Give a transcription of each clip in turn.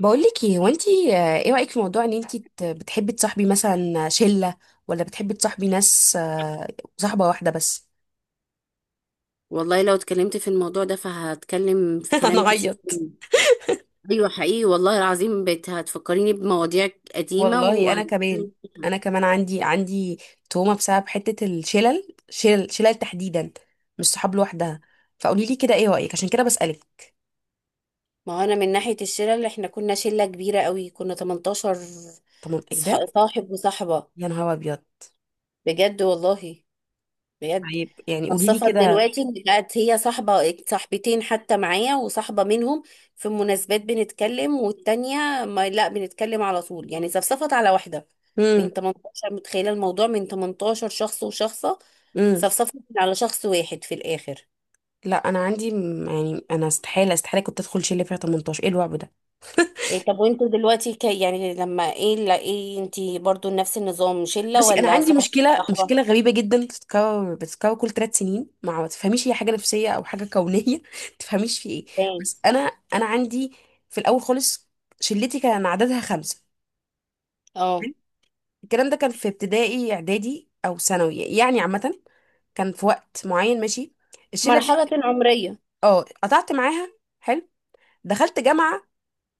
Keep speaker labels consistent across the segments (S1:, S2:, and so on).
S1: بقولك ايه هو انتي، ايه رأيك في موضوع ان انتي بتحبي تصاحبي مثلا شلة، ولا بتحبي تصاحبي ناس، صاحبة واحدة بس.
S2: والله لو اتكلمت في الموضوع ده فهتكلم في
S1: انا
S2: كلام كتير.
S1: غيط.
S2: ايوه، حقيقي والله العظيم، بقيت هتفكريني بمواضيع قديمة
S1: والله انا كمان. عندي تهمة بسبب حتة الشلل شلل شلل تحديدا، مش صحاب لوحدها. فقولي لي كده ايه رأيك، عشان كده بسألك.
S2: ما هو انا من ناحية الشلة، اللي احنا كنا شلة كبيرة قوي، كنا 18
S1: طب ايه ده؟
S2: صاحب وصاحبة.
S1: يا نهار ابيض.
S2: بجد والله، بجد.
S1: طيب يعني قولي لي
S2: صفت
S1: كده.
S2: دلوقتي إن بقت هي صاحبة صاحبتين حتى، معايا، وصاحبة منهم في مناسبات بنتكلم، والتانية ما لا بنتكلم على طول. يعني صفصفت على واحدة
S1: امم.
S2: من 18. متخيلة؟ الموضوع من 18 شخص وشخصة
S1: امم.
S2: صفصفت على شخص واحد في الآخر.
S1: لا انا عندي يعني انا استحالة استحالة كنت ادخل شلة فيها 18. ايه الوعب ده؟
S2: إيه، طب وانتوا دلوقتي ك... يعني لما ايه لا ايه انتي برضو نفس النظام، شلة
S1: بصي، انا
S2: ولا
S1: عندي
S2: صاحبة
S1: مشكله
S2: صاحبة؟
S1: مشكله غريبه جدا، بتتكرر كل 3 سنين. ما تفهميش هي حاجه نفسيه او حاجه كونيه، ما تفهميش في ايه.
S2: تاني.
S1: بس انا. انا عندي في الاول خالص شلتي كان عددها 5.
S2: اه،
S1: حلو؟ الكلام ده كان في ابتدائي، اعدادي او ثانوي، يعني عامه. كان في وقت معين، ماشي. الشله دي
S2: مرحلة عمرية.
S1: اه قطعت معاها. حلو. دخلت جامعه،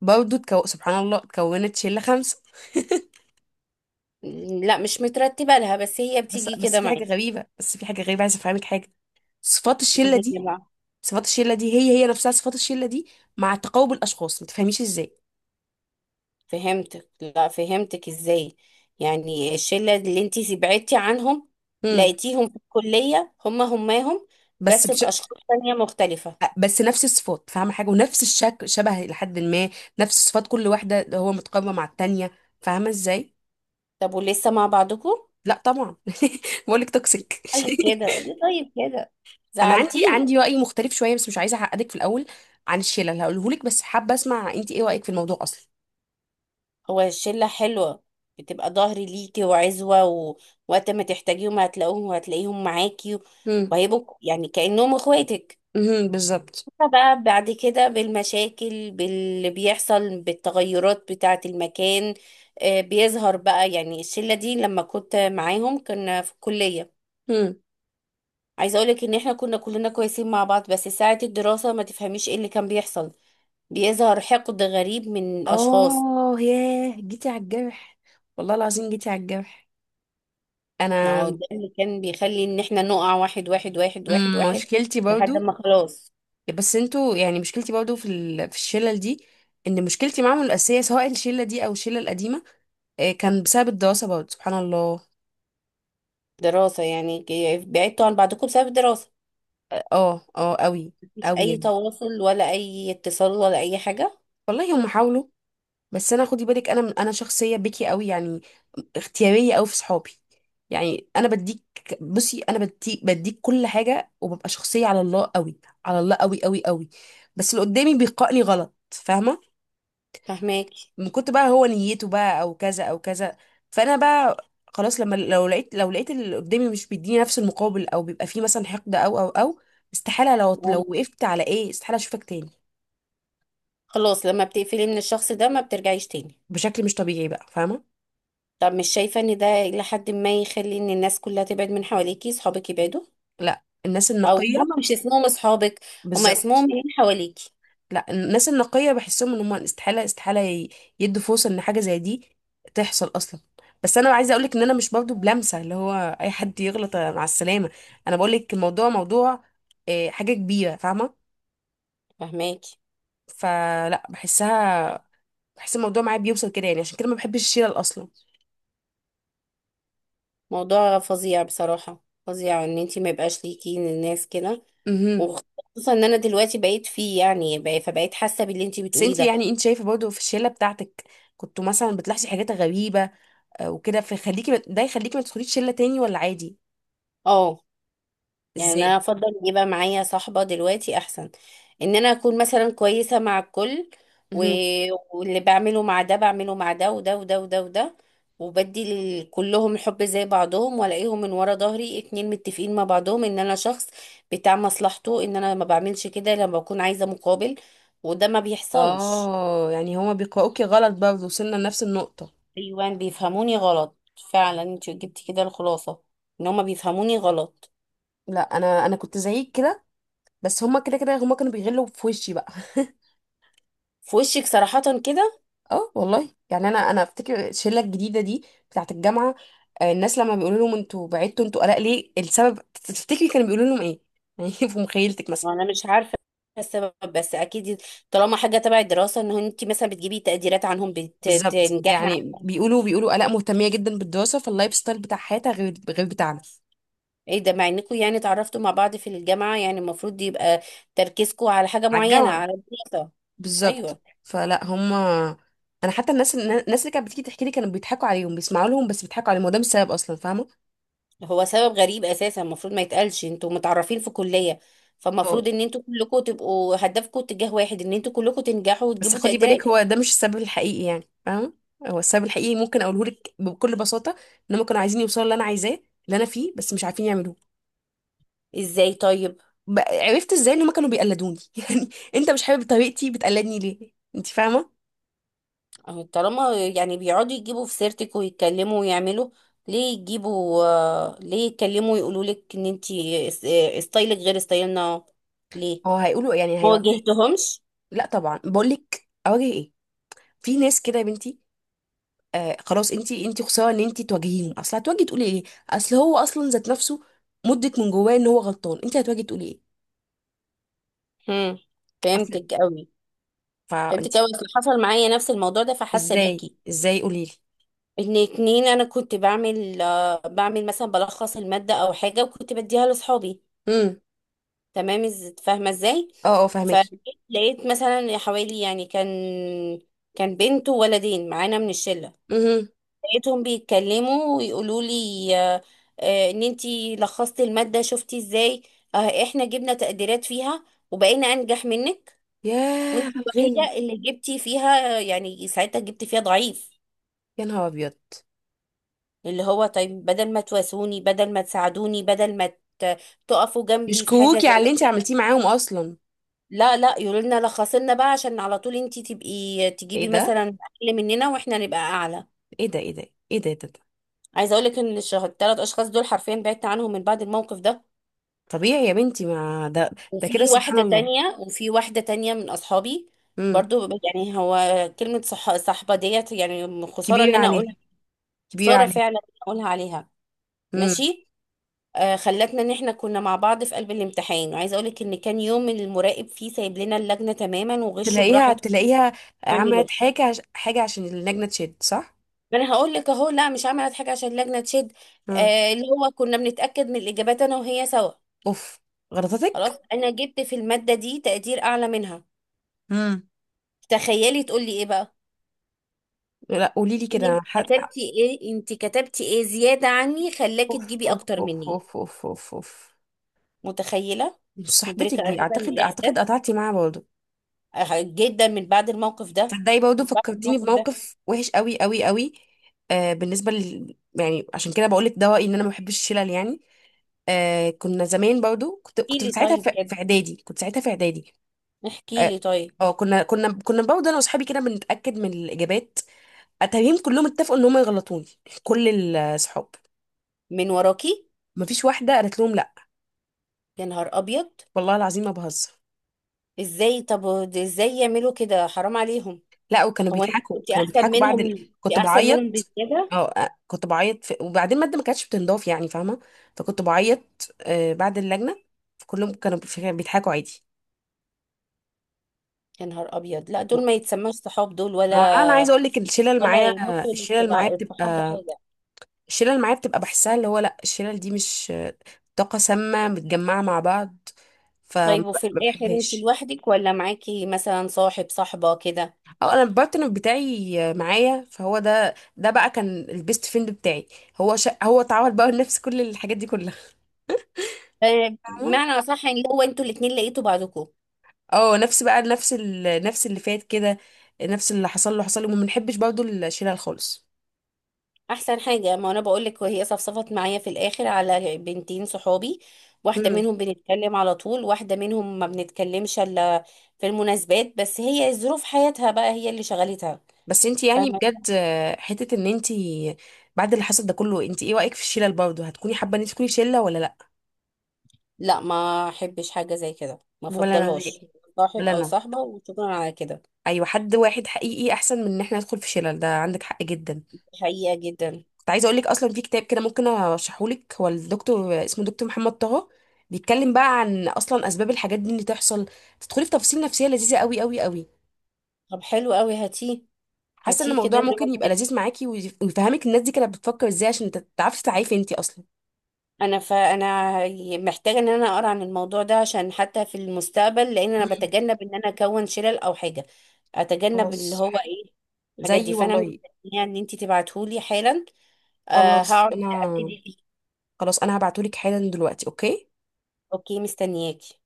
S1: برضه سبحان الله اتكونت شله 5.
S2: لا، مش مترتبة لها، بس هي
S1: بس
S2: بتيجي
S1: بس
S2: كده
S1: في حاجه
S2: معاكي.
S1: غريبه. بس في حاجه غريبه، عايزه افهمك حاجه. صفات الشله
S2: هي
S1: دي.
S2: بقى.
S1: صفات الشله دي هي نفسها صفات الشله دي، مع تقارب الاشخاص، ما تفهميش ازاي.
S2: فهمتك. لا، فهمتك ازاي؟ يعني الشلة اللي انتي بعدتي عنهم،
S1: امم.
S2: لقيتيهم في الكلية هما هماهم،
S1: بس
S2: بس
S1: بش...
S2: بأشخاص تانية مختلفة.
S1: بس نفس الصفات، فاهمه حاجه، ونفس الشكل، شبه لحد ما نفس صفات كل واحده، اللي هو متقاربه مع التانيه. فاهمه ازاي؟
S2: طب ولسه مع بعضكم؟
S1: لا طبعا. بقول لك توكسيك.
S2: طيب كده ليه؟ طيب كده.
S1: انا عندي
S2: زعلتيني.
S1: عندي راي مختلف شويه، بس مش عايزه اعقدك في الاول عن الشله اللي هقوله لك، بس حابه اسمع انت ايه رايك في الموضوع اصلا.
S2: هو الشلة حلوة، بتبقى ظهري ليكي وعزوة، ووقت ما تحتاجيهم هتلاقوهم، وهتلاقيهم معاكي،
S1: امم.
S2: وهيبقوا يعني كأنهم اخواتك.
S1: امم. بالظبط.
S2: بقى بعد كده، بالمشاكل، باللي بيحصل، بالتغيرات بتاعة المكان، بيظهر بقى، يعني الشلة دي لما كنت معاهم كنا في الكلية.
S1: امم.
S2: عايزة اقولك ان احنا كنا كلنا كويسين مع بعض، بس ساعة الدراسة ما تفهميش ايه اللي كان بيحصل. بيظهر حقد غريب من الاشخاص.
S1: اه ياه، جيتي على الجرح. والله العظيم جيتي على الجرح.
S2: ما هو
S1: انا
S2: ده اللي كان بيخلي ان احنا نقع واحد واحد واحد واحد واحد،
S1: مشكلتي برضو.
S2: لحد ما خلاص.
S1: بس انتوا يعني، مشكلتي برضو في الشلل دي، ان مشكلتي معاهم الاساسيه، سواء الشله دي او الشله القديمه، كان بسبب الدراسه برضو سبحان الله.
S2: دراسة يعني، بعدتوا عن بعضكم بسبب الدراسة؟
S1: اه، اه قوي.
S2: مفيش
S1: قوي
S2: اي
S1: يعني.
S2: تواصل ولا اي اتصال ولا اي حاجة؟
S1: والله هم حاولوا، بس انا، خدي بالك، انا شخصيه بكي قوي يعني، اختياريه قوي في صحابي. يعني انا بديك. بصي انا بديك كل حاجه، وببقى شخصيه على الله قوي، على الله قوي قوي قوي. بس اللي قدامي بيقائني غلط، فاهمه،
S2: فهماكي.
S1: من كنت بقى هو نيته بقى او كذا او كذا. فانا بقى خلاص، لما لو لقيت اللي قدامي مش بيديني نفس المقابل، او بيبقى فيه مثلا حقد، او او او استحالة، لو
S2: يعني
S1: وقفت على ايه، استحالة اشوفك تاني.
S2: خلاص لما بتقفلي من الشخص ده ما بترجعيش تاني؟
S1: بشكل مش طبيعي بقى، فاهمة.
S2: طب مش شايفة ان ده إلى حد ما يخلي ان الناس كلها تبعد من حواليكي، صحابك يبعدوا؟
S1: لا الناس
S2: او
S1: النقية.
S2: هما مش اسمهم اصحابك، هما اسمهم
S1: بالظبط.
S2: من حواليكي.
S1: لا الناس النقية بحسهم ان هم استحالة استحالة يدوا فرصة ان حاجة زي دي تحصل اصلا. بس انا عايزه اقولك ان انا مش برضو بلمسه اللي هو اي حد يغلط مع السلامه. انا بقولك الموضوع موضوع، حاجه كبيره، فاهمه،
S2: فهماكي.
S1: فلا بحسها. بحس الموضوع معايا بيوصل كده، يعني عشان كده ما بحبش الشلل اصلا.
S2: موضوع فظيع، بصراحة فظيع، ان انتي ما يبقاش ليكي الناس كده.
S1: امم.
S2: وخصوصا ان انا دلوقتي بقيت فيه يعني فبقيت حاسة باللي انتي
S1: بس
S2: بتقوليه
S1: انتي،
S2: ده.
S1: يعني انت شايفه برضو في الشله بتاعتك كنتوا مثلا بتلاحظي حاجات غريبه، وكده، فيخليكي ده يخليكي ما تدخليش شله تاني، ولا عادي؟
S2: اه، يعني انا
S1: ازاي؟
S2: افضل يبقى معايا صاحبة دلوقتي احسن. ان انا اكون مثلا كويسة مع الكل و...
S1: امم.
S2: واللي بعمله مع ده بعمله مع ده وده وده وده وده. وبدي كلهم الحب زي بعضهم، والاقيهم من ورا ظهري اتنين متفقين مع بعضهم ان انا شخص بتاع مصلحته، ان انا ما بعملش كده لما بكون عايزة مقابل، وده ما بيحصلش.
S1: اه، يعني هما بيقرأوكي غلط برضه، وصلنا لنفس النقطه.
S2: ايوان بيفهموني غلط. فعلا انت جبتي كده الخلاصة، ان هما بيفهموني غلط.
S1: لا انا كنت زيك كده، بس هما كده كده، هما كانوا بيغلوا في وشي بقى.
S2: في وشك صراحة كده.
S1: اه والله، يعني انا افتكر الشله الجديده دي بتاعه الجامعه، الناس لما بيقولوا لهم انتوا بعدتوا، انتوا قلق ليه، السبب تفتكري كانوا بيقولوا لهم ايه؟ يعني في مخيلتك مثلا.
S2: انا مش عارفه السبب، بس اكيد طالما حاجه تبع الدراسه، ان انت مثلا بتجيبي تقديرات عنهم،
S1: بالظبط،
S2: بتنجحي.
S1: يعني بيقولوا قلق مهتميه جدا بالدراسه، فاللايف ستايل بتاع حياتها غير بتاعنا.
S2: ايه ده، مع انكم يعني اتعرفتوا مع بعض في الجامعه، يعني المفروض يبقى تركيزكم على حاجه
S1: على
S2: معينه،
S1: الجامعه.
S2: على الدراسه.
S1: بالظبط،
S2: ايوه.
S1: فلا هم. انا حتى الناس اللي كانت بتيجي تحكي لي كانوا بيضحكوا عليهم، بيسمعوا لهم بس بيضحكوا عليهم، وده مش السبب اصلا، فاهمه.
S2: هو سبب غريب اساسا، المفروض ما يتقالش. انتوا متعرفين في كليه، فالمفروض ان انتوا كلكم تبقوا هدفكم اتجاه واحد، ان انتوا كلكم تنجحوا
S1: بس
S2: وتجيبوا
S1: خدي
S2: تقديرات.
S1: بالك، هو ده مش السبب الحقيقي يعني، فاهم. هو السبب الحقيقي ممكن اقوله لك بكل بساطه، ان هم كانوا عايزين يوصلوا اللي انا عايزاه، اللي انا فيه، بس مش عارفين يعملوه.
S2: ازاي طيب؟
S1: عرفت ازاي ان هم كانوا بيقلدوني، يعني انت مش حابب طريقتي، بتقلدني ليه انت، فاهمه.
S2: أهو طالما يعني بيقعدوا يجيبوا في سيرتك ويتكلموا ويعملوا. ليه يجيبوا؟ ليه يتكلموا ويقولوا لك ان انتي ستايلك غير ستايلنا؟ ليه؟
S1: هو هيقولوا يعني
S2: ما
S1: هيقعدوا.
S2: واجهتهمش.
S1: لا طبعا، بقول لك اواجه ايه، في ناس كده يا بنتي. آه خلاص، انت انت خساره ان انت تواجهيهم، اصل هتواجهي تقولي ايه، اصل هو اصلا ذات نفسه مدرك من جواه ان هو غلطان، انت هتواجهي تقولي ايه.
S2: هم.
S1: اصل.
S2: فهمتك قوي.
S1: فانت.
S2: فهمتك قوي، اصل حصل معايا نفس الموضوع ده، فحاسه
S1: ازاي
S2: بيكي.
S1: ازاي قولي لي.
S2: ان اتنين، انا كنت بعمل بعمل مثلا بلخص الماده او حاجه، وكنت بديها لاصحابي.
S1: إمم.
S2: تمام. فاهمه ازاي؟
S1: اه، اه فهمكي.
S2: فلقيت مثلا حوالي يعني كان بنت وولدين معانا من الشله.
S1: امم.
S2: لقيتهم بيتكلموا ويقولوا لي ان انتي لخصتي المادة، شفتي ازاي؟ آه، احنا جبنا تقديرات فيها، وبقينا انجح منك.
S1: ياه
S2: وانتي
S1: على الغن.
S2: الوحيدة اللي جبتي فيها، يعني ساعتها جبتي فيها ضعيف.
S1: يا نهار ابيض.
S2: اللي هو طيب، بدل ما تواسوني، بدل ما تساعدوني، بدل ما ت- تقفوا جنبي في حاجة
S1: يشكوكي على
S2: زي
S1: اللي انت
S2: كده.
S1: عملتيه معاهم اصلا؟
S2: لا لا، يقولوا لنا لخصي لنا بقى عشان على طول انتي تبقي تجيبي
S1: ايه ده؟
S2: مثلا اقل مننا، واحنا نبقى اعلى.
S1: ايه ده؟ ايه ده؟ ايه ده.
S2: عايزه اقول لك ان 3 اشخاص دول حرفيا بعدت عنهم من بعد الموقف ده،
S1: طبيعي يا بنتي، ما ده. ده كده
S2: وفي
S1: سبحان
S2: واحدة
S1: الله.
S2: تانية، وفي واحدة تانية من أصحابي.
S1: امم.
S2: برضو يعني هو كلمة صح، صحبة ديت يعني خسارة إن
S1: كبيره
S2: أنا أقولها.
S1: عليها. كبيره
S2: خسارة
S1: عليها.
S2: فعلا إن أنا أقولها عليها.
S1: امم.
S2: ماشي. خلتنا إن إحنا كنا مع بعض في قلب الامتحان، وعايزة أقولك إن كان يوم المراقب فيه سايب لنا اللجنة تماما وغشوا
S1: تلاقيها
S2: براحته.
S1: تلاقيها
S2: اعملوا.
S1: عملت حاجه حاجه عشان اللجنه تشد، صح.
S2: ما أنا هقول لك أهو، لا، مش عملت حاجة عشان اللجنة تشد.
S1: امم.
S2: اللي هو كنا بنتأكد من الإجابات أنا وهي سوا.
S1: اوف.
S2: خلاص
S1: غلطتك.
S2: أنا جبت في المادة دي تقدير أعلى منها.
S1: امم.
S2: تخيلي تقولي إيه بقى.
S1: لا قولي لي كده
S2: انت كتبتي ايه؟ انت كتبتي ايه زيادة عني خلاكي
S1: اوف
S2: تجيبي
S1: اوف
S2: اكتر
S1: اوف
S2: مني؟
S1: اوف اوف اوف اوف.
S2: متخيلة.
S1: مش صاحبتك
S2: مدركة
S1: دي،
S2: اساسا
S1: اعتقد،
S2: الاحساس
S1: اعتقد قطعتي معاها برضه.
S2: اه، جدا من بعد الموقف ده.
S1: تصدقي برضه
S2: من بعد
S1: فكرتيني
S2: الموقف ده.
S1: بموقف وحش قوي قوي قوي. آه، بالنسبه يعني عشان كده بقول لك ده رايي، ان انا ما بحبش الشلل يعني. آه، كنا زمان برضه، كنت
S2: احكي
S1: كنت
S2: لي
S1: ساعتها
S2: طيب
S1: في
S2: كده.
S1: اعدادي. كنت ساعتها في اعدادي.
S2: احكي
S1: اه،
S2: لي طيب.
S1: كنا برضه انا واصحابي كده بنتاكد من الاجابات، اتاريهم كلهم اتفقوا ان هم يغلطوني، كل الصحاب،
S2: من وراكي؟
S1: مفيش واحده قالت لهم لا.
S2: يا نهار ابيض.
S1: والله العظيم ما بهزر.
S2: ازاي طب؟ ده ازاي يعملوا كده، حرام عليهم.
S1: لا وكانوا
S2: هو انت
S1: بيضحكوا،
S2: كنت
S1: كانوا
S2: احسن
S1: بيضحكوا بعد
S2: منهم، انت
S1: كنت
S2: احسن منهم
S1: بعيط.
S2: بزيادة.
S1: اه، كنت بعيط وبعدين المادة ما كانتش بتنضاف يعني، فاهمة. فكنت بعيط، آه، بعد اللجنة. كلهم كانوا بيضحكوا عادي.
S2: يا نهار ابيض، لا
S1: و-
S2: دول ما يتسموش صحاب، دول ولا
S1: ما انا عايزه اقول لك الشله اللي
S2: ولا
S1: معايا. الشله اللي معايا
S2: يمثلوا الصحاب
S1: بتبقى
S2: بحاجة.
S1: الشله اللي معايا بتبقى بحسها، اللي هو لا، الشله دي مش طاقه سامه متجمعه مع بعض،
S2: طيب
S1: فما
S2: وفي الآخر انت
S1: بحبهاش.
S2: لوحدك، ولا معاكي مثلا صاحب صاحبة كده؟
S1: اه انا البارتنر بتاعي معايا، فهو ده بقى كان البيست فريند بتاعي. هو هو اتعود بقى لنفس كل الحاجات دي كلها.
S2: بمعنى أصح يعني هو انتوا الاتنين لقيتوا بعضكم.
S1: اه، نفس بقى نفس اللي فات كده، نفس اللي حصل له حصل له، وما بنحبش برضه الشلل خالص.
S2: أحسن حاجة، ما أنا بقولك، وهي صفصفت معايا في الآخر على بنتين صحابي. واحدة
S1: مم.
S2: منهم بنتكلم على طول، واحدة منهم ما بنتكلمش إلا في المناسبات، بس هي ظروف حياتها بقى هي اللي شغلتها.
S1: بس انت يعني
S2: فاهمة.
S1: بجد، حتة ان انت بعد اللي حصل ده كله، انت ايه رأيك في الشلل برضه، هتكوني حابة ان انت تكوني شلة ولا لا؟
S2: لا، ما أحبش حاجة زي كده، ما
S1: ولا انا
S2: أفضلهاش.
S1: نهائي.
S2: صاحب
S1: ولا
S2: أو
S1: انا.
S2: صاحبة وشكرا على كده.
S1: ايوه، حد واحد حقيقي احسن من ان احنا ندخل في شلل، ده عندك حق جدا.
S2: حقيقة جدا.
S1: كنت عايزه اقول لك اصلا في كتاب كده ممكن ارشحه لك، هو الدكتور اسمه دكتور محمد طه، بيتكلم بقى عن اصلا اسباب الحاجات دي اللي تحصل. تدخلي في تفاصيل نفسيه لذيذه قوي قوي قوي.
S2: طب حلو قوي، هاتيه.
S1: حاسه ان
S2: هاتيه كده
S1: الموضوع ممكن يبقى
S2: نقعد.
S1: لذيذ معاكي، ويفهمك الناس دي كانت بتفكر ازاي، عشان تعرفي تسعي انتي اصلا.
S2: انا فانا محتاجه ان انا اقرا عن الموضوع ده، عشان حتى في المستقبل، لان انا
S1: مم.
S2: بتجنب ان انا اكون شلل او حاجه. اتجنب اللي
S1: خلاص
S2: هو
S1: حلو.
S2: ايه، الحاجات دي.
S1: زيي
S2: فانا
S1: والله.
S2: مستنيه ان انت تبعتهولي حالا. أه،
S1: خلاص
S2: هقعد
S1: انا.
S2: ابتدي فيه.
S1: خلاص انا هبعتهولك حالا دلوقتي، اوكي.
S2: اوكي، مستنياكي.